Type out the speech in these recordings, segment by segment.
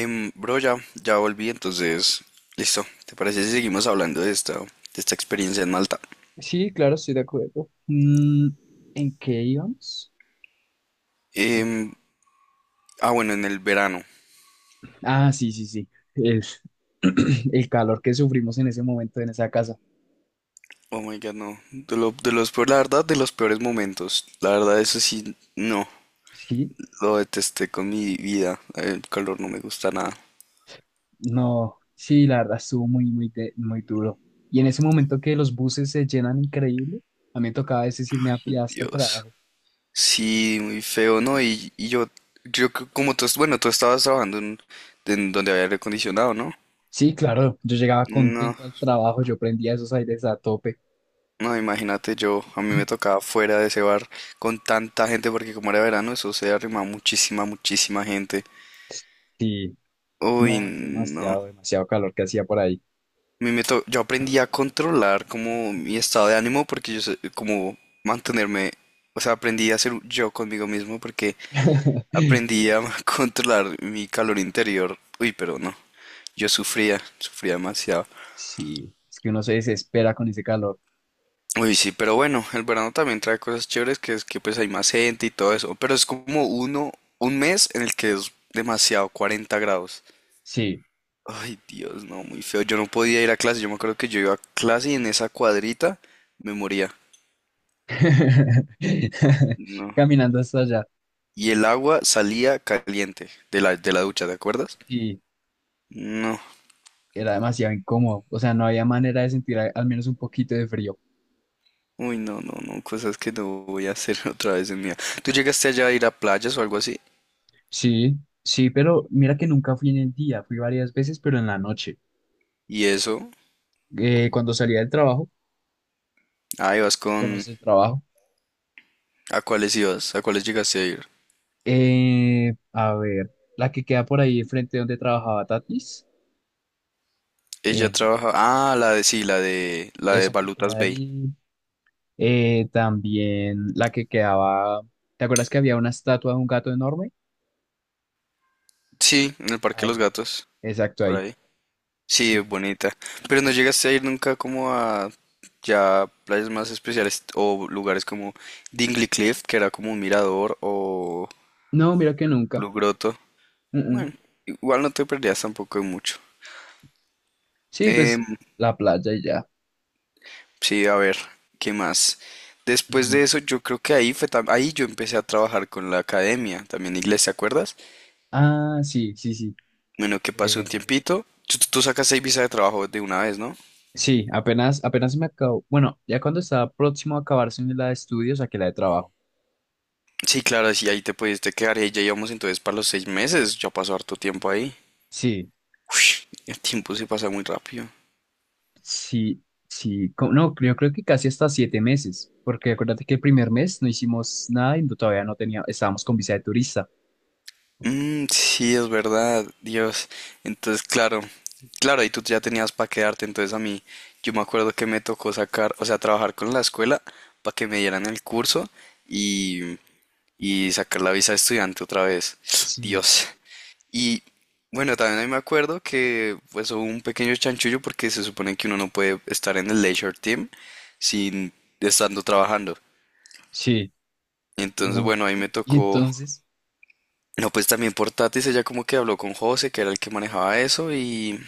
Bro, ya volví, entonces, listo. ¿Te parece si seguimos hablando de esta experiencia en Malta? Sí, claro, estoy de acuerdo. ¿En qué íbamos? Eh, Em, bueno, en el verano. ah, sí, sí, sí. El, el calor que sufrimos en ese momento en esa casa. Oh my God, no. De los peores, la verdad, de los peores momentos. La verdad, eso sí, no. Sí, Lo detesté con mi vida. El calor no me gusta nada. no, sí, la verdad estuvo muy, muy, muy duro. Y en ese momento que los buses se llenan increíble, a mí me tocaba a veces irme a pie Ay, hasta el Dios. trabajo. Sí, muy feo, ¿no? Y yo, como tú, bueno, tú estabas trabajando en donde había aire acondicionado, ¿no? Sí, claro, yo llegaba No. contento al trabajo, yo prendía esos aires a tope. No, imagínate yo, a mí me tocaba fuera de ese bar con tanta gente porque como era verano eso se arrimaba muchísima, muchísima gente. Sí, Uy, no, es no. A demasiado, demasiado calor que hacía por ahí. mí me to- yo aprendí a controlar como mi estado de ánimo porque yo sé como mantenerme, o sea, aprendí a ser yo conmigo mismo porque aprendí a controlar mi calor interior. Uy, pero no. Yo sufría, sufría demasiado. Sí, es que uno se desespera con ese calor. Uy, sí, pero bueno, el verano también trae cosas chéveres que es que pues hay más gente y todo eso, pero es como uno, un mes en el que es demasiado, 40 grados. Sí. Ay, Dios, no, muy feo. Yo no podía ir a clase, yo me acuerdo que yo iba a clase y en esa cuadrita me moría. No. Caminando hasta allá. Y el agua salía caliente de la ducha, ¿te acuerdas? Sí, No. era demasiado incómodo. O sea, no había manera de sentir al menos un poquito de frío. Uy, no, no, no, cosas que no voy a hacer otra vez en mi vida. ¿Tú llegaste allá a ir a playas o algo así? Sí, sí, pero mira que nunca fui en el día. Fui varias veces, pero en la noche. ¿Y eso? Cuando salía del trabajo, Ah, ibas bueno, con. del trabajo. ¿A cuáles ibas? ¿A cuáles llegaste a ir? A ver, la que queda por ahí frente donde trabajaba Tatis. Ella En trabaja. Ah, la de. Sí, la de. La de esa que Balutas queda Bay. ahí. También la que quedaba. ¿Te acuerdas que había una estatua de un gato enorme? Sí, en el Parque de los Ahí, Gatos. exacto, Por ahí. ahí. Sí, Sí, es sí. bonita. Pero no llegaste a ir nunca como a. Ya playas más especiales o lugares como Dingley Cliff, que era como un mirador, o No, mira que nunca. Blue Grotto. Mm, mm. Bueno, igual no te perdías tampoco de mucho. Sí, pues Em, la playa y ya. sí, a ver, ¿qué más? Después de Mm. eso, yo creo que ahí fue ahí yo empecé a trabajar con la academia, también inglés, ¿te acuerdas? Ah, sí, sí, sí. Bueno, que pasó un Eh, tiempito. Tú sacas seis visas de trabajo de una vez, ¿no? sí, apenas, apenas me acabo. Bueno, ya cuando estaba próximo a acabarse la de estudios, a que la de trabajo. Sí, claro, sí, ahí te pudiste quedar y ahí ya íbamos entonces para los 6 meses. Ya pasó harto tiempo ahí. Sí, Uy, el tiempo se pasa muy rápido. sí, sí. No, yo creo que casi hasta 7 meses, porque acuérdate que el primer mes no hicimos nada y todavía no teníamos, estábamos con visa de turista. Mm, sí, es verdad, Dios. Entonces, claro, claro, y tú ya tenías para quedarte, entonces a mí, yo me acuerdo que me tocó sacar, o sea, trabajar con la escuela para que me dieran el curso y, y sacar la visa de estudiante otra vez. Sí, Dios, y bueno, también ahí me acuerdo que pues hubo un pequeño chanchullo porque se supone que uno no puede estar en el leisure team sin estando trabajando. sí. Entonces, Uy. bueno, ahí me Y tocó, entonces, no, pues también por Tatis, ella como que habló con José, que era el que manejaba eso y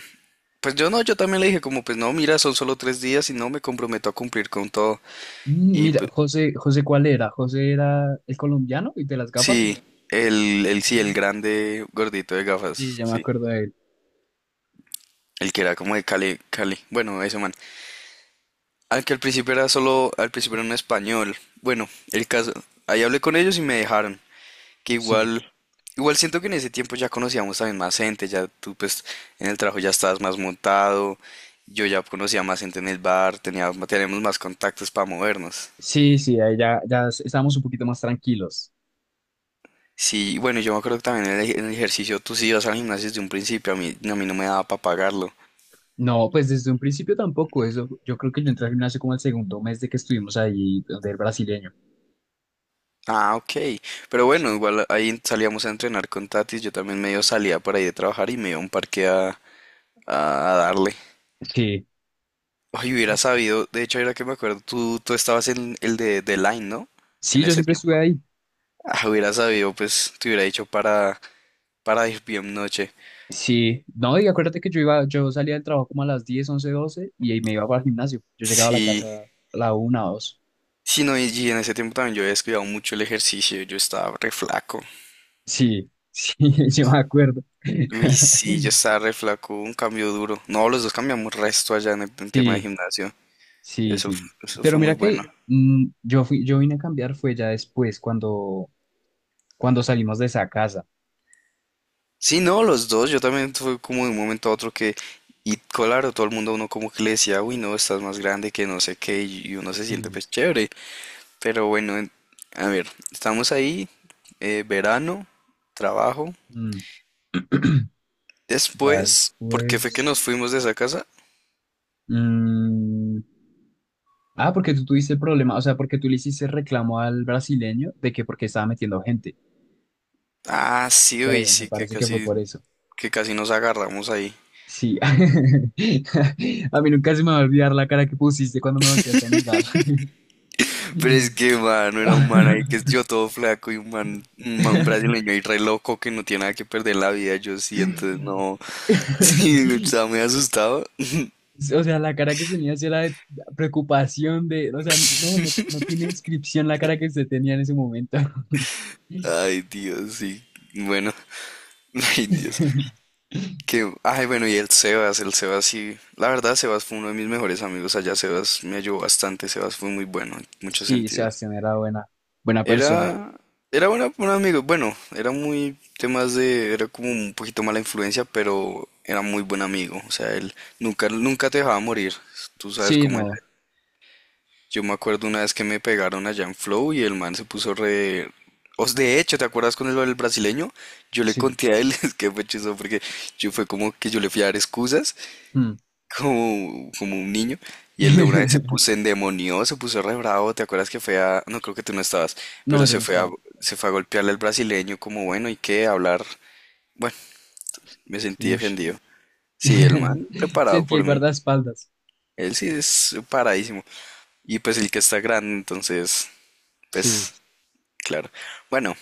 pues yo no, yo también le dije como pues no, mira, son solo 3 días y no me comprometo a cumplir con todo. Y mira, pues, José, José, ¿cuál era? José era el colombiano y de las gafas. sí, el Sí, sí, el grande gordito de gafas, ya me sí. acuerdo de él. El que era como de Cali, Cali, bueno, ese man. Al que al principio era solo, al principio era en español. Bueno, el caso, ahí hablé con ellos y me dejaron. Que Sí. igual siento que en ese tiempo ya conocíamos también más gente, ya tú pues en el trabajo ya estabas más montado, yo ya conocía más gente en el bar, teníamos más contactos para movernos. Sí, sí, ahí ya estábamos un poquito más tranquilos. Sí, y bueno, yo me acuerdo que también en el ejercicio tú sí ibas al gimnasio desde un principio, a mí no me daba para pagarlo. No, pues desde un principio tampoco. Eso, yo creo que yo entré al gimnasio como el segundo mes de que estuvimos ahí, donde el brasileño. Ah, ok. Pero bueno, Sí. igual ahí salíamos a entrenar con Tatis, yo también medio salía por ahí de trabajar y me iba a un parque a, a darle. Sí. Ay, hubiera Ah, sabido, de hecho, ahora que me acuerdo, tú estabas en el de Line, ¿no? sí, En yo ese siempre estuve tiempo. ahí. Ah, hubiera sabido, pues te hubiera dicho para ir bien noche. Sí. No, y acuérdate que yo iba, yo salía del trabajo como a las 10, 11, 12 y ahí me iba para el gimnasio. Yo llegaba a la Sí, casa a la 1, 2. sí, no, y en ese tiempo también yo había descuidado mucho el ejercicio, yo estaba re flaco. Sí, sí, yo me acuerdo. Uy, sí, yo estaba re flaco, un cambio duro. No, los dos cambiamos resto allá en el en tema de Sí. gimnasio. Sí, Eso, sí. eso Pero fue muy mira bueno. que yo vine a cambiar fue ya después, cuando salimos de esa casa. Sí, no, los dos. Yo también fue como de un momento a otro que, y claro, todo el mundo a uno como que le decía, uy, no, estás más grande que no sé qué, y uno se siente Sí. pues chévere. Pero bueno, a ver, estamos ahí, verano, trabajo. Mm, ya Después, ¿por qué fue que después. nos fuimos de esa casa? Mm, ah, porque tú tuviste el problema, o sea, porque tú le hiciste reclamo al brasileño de que porque estaba metiendo gente, Ah, sí, uy, creo, me sí, que parece que fue casi, por eso. que casi nos agarramos ahí. Sí. A mí nunca se me va a olvidar la cara que pusiste cuando me volteaste a mirar. Pero es que, mano, era un man ahí que yo todo flaco y un brasileño ahí re loco que no tiene nada que perder la vida, yo sí, entonces no, sí, estaba muy asustado. O sea, la cara que tenía sí era de preocupación de, o sea, no, no, no tiene inscripción la cara que se tenía en ese momento. Ay, Dios, sí, bueno, ay, Dios. Que, ay, bueno, y el Sebas sí, la verdad, Sebas fue uno de mis mejores amigos allá, Sebas me ayudó bastante, Sebas fue muy bueno en muchos Sí, sentidos. Sebastián era buena, buena persona. Era, era un amigo, bueno, era muy temas de, era como un poquito mala influencia, pero era muy buen amigo, o sea, él nunca, nunca te dejaba morir, tú sabes Sí, cómo es. no, Yo me acuerdo una vez que me pegaron allá en Flow y el man se puso re. Os, de hecho, ¿te acuerdas con el brasileño? Yo le sí. conté a él, es que fue chistoso porque yo fue como que yo le fui a dar excusas Mm. como un niño. Y el de una vez se puso endemoniado, se puso re bravo. ¿Te acuerdas que fue a. No, creo que tú no estabas, No, pero yo se no fue a, estaba. se fue a golpearle al brasileño como, bueno, ¿y qué? Hablar. Bueno, me sentí Ush. defendido. Sí, el man preparado Sentí el por mí. guardaespaldas. Él sí es paradísimo. Y pues el que está grande, entonces, Sí. pues, claro. Bueno,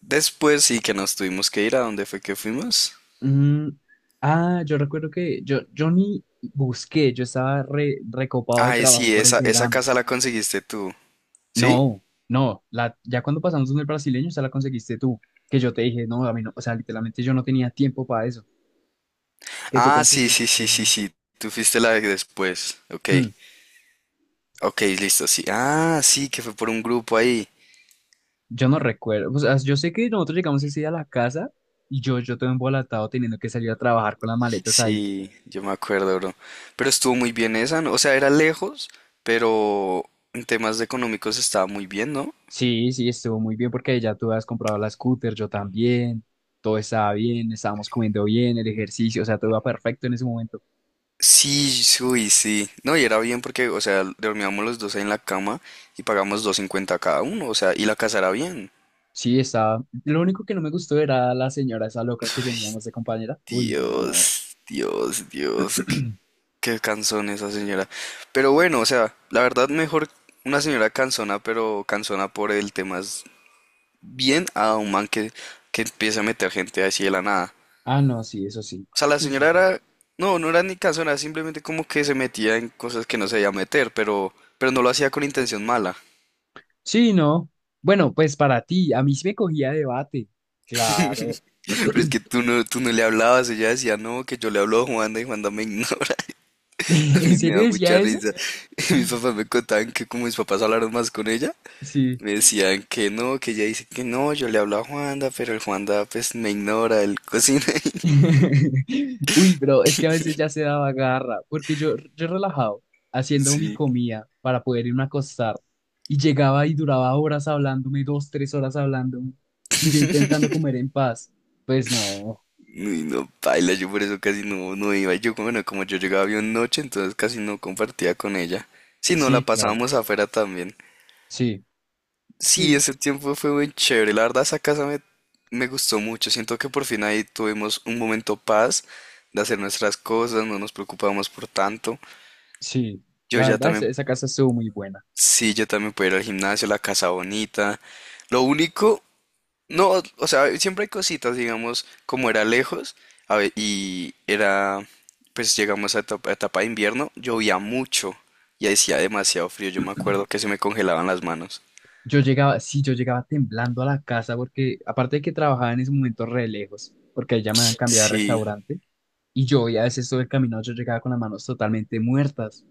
después sí que nos tuvimos que ir a dónde fue que fuimos. Mm, Ah, yo recuerdo que yo ni busqué, yo estaba recopado de Ay, trabajo sí, por el esa verano. casa la conseguiste tú. ¿Sí? No, no, ya cuando pasamos donde el brasileño, esa la conseguiste tú, que yo te dije, no, a mí no, o sea, literalmente yo no tenía tiempo para eso, que tú Ah, sí, sí, conseguiste. sí, sí, sí. Tú fuiste la de después. Ok. Hmm, Ok, listo, sí. Ah, sí, que fue por un grupo ahí. yo no recuerdo, o sea, yo sé que nosotros llegamos ese día a la casa y yo todo embolatado teniendo que salir a trabajar con las maletas ahí. Sí, yo me acuerdo, bro. Pero estuvo muy bien esa, ¿no? O sea, era lejos, pero en temas de económicos estaba muy bien, ¿no? Sí, sí, estuvo muy bien porque ya tú habías comprado la scooter, yo también, todo estaba bien, estábamos comiendo bien, el ejercicio, o sea, todo iba perfecto en ese momento. Sí, sí, uy, sí. No, y era bien porque, o sea, dormíamos los dos ahí en la cama y pagamos 250 cada uno, o sea, y la casa era bien. Sí, estaba, lo único que no me gustó era la señora esa loca que teníamos de compañera. Uy, no. Dios, Dios, Dios, qué, qué cansón esa señora. Pero bueno, o sea, la verdad mejor una señora cansona, pero cansona por el tema es bien a un man que empieza a meter gente así de la nada. Ah, no, sí, eso sí. O sea, la Sí, sí, señora sí. era, no, no era ni cansona, simplemente como que se metía en cosas que no se debía meter, pero no lo hacía con intención mala. Sí, no. Bueno, pues para ti, a mí sí me cogía debate. Claro. Pero es que tú no le hablabas, ella decía, no, que yo le hablo a Juanda y Juanda me ignora. A ¿En mí me da serio decía mucha eso? risa. Mis papás me contaban que como mis papás hablaron más con ella, Sí. me decían que no, que ella dice que no, yo le hablo a Juanda, pero el Juanda pues me ignora, él cocina. Uy, pero es que a veces ya se daba garra, porque yo relajado, haciendo mi Sí, comida para poder irme a acostar, y llegaba y duraba horas hablándome, 2, 3 horas hablándome, y yo intentando comer en paz. Pues no, y no, baila, yo por eso casi no, no iba. Yo, bueno, como yo llegaba bien noche, entonces casi no compartía con ella. Si no, la sí, claro, pasábamos afuera también. sí, Sí, sí, ese tiempo fue muy chévere. La verdad, esa casa me gustó mucho. Siento que por fin ahí tuvimos un momento paz de hacer nuestras cosas, no nos preocupábamos por tanto. sí. Yo La ya verdad, esa también, esa casa estuvo muy buena. sí, yo también pude ir al gimnasio, la casa bonita. Lo único. No, o sea, siempre hay cositas, digamos, como era lejos, y era, pues llegamos a etapa de invierno, llovía mucho y hacía demasiado frío, yo me acuerdo que se me congelaban las manos. Yo llegaba, sí, yo llegaba temblando a la casa porque aparte de que trabajaba en ese momento re lejos, porque ahí ya me habían cambiado de Sí, restaurante y yo ya a veces todo el camino yo llegaba con las manos totalmente muertas.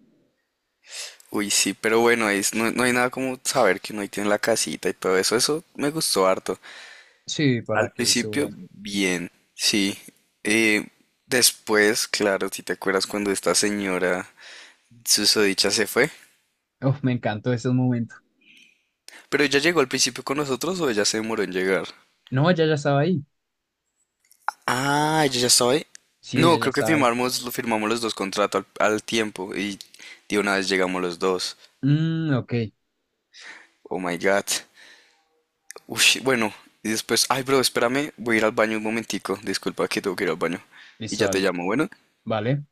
uy, sí, pero bueno, no, no hay nada como saber que uno ahí tiene la casita y todo eso, eso me gustó harto. Sí, para Al que eso, principio, bueno. bien, sí. eh, después, claro, si te acuerdas cuando esta señora susodicha se fue, Uf, me encantó esos momentos. pero ella llegó al principio con nosotros o ella se demoró en llegar. No, ella ya estaba ahí. Ah, yo ya estaba. Sí, ella No, ya creo que estaba ahí. firmamos, lo firmamos los dos contratos al tiempo y de una vez llegamos los dos. Ok, Oh my God. Ush, bueno, y después, ay, bro, espérame, voy a ir al baño un momentico. Disculpa que tengo que ir al baño. Y listo, ya te dale. llamo, bueno. Vale.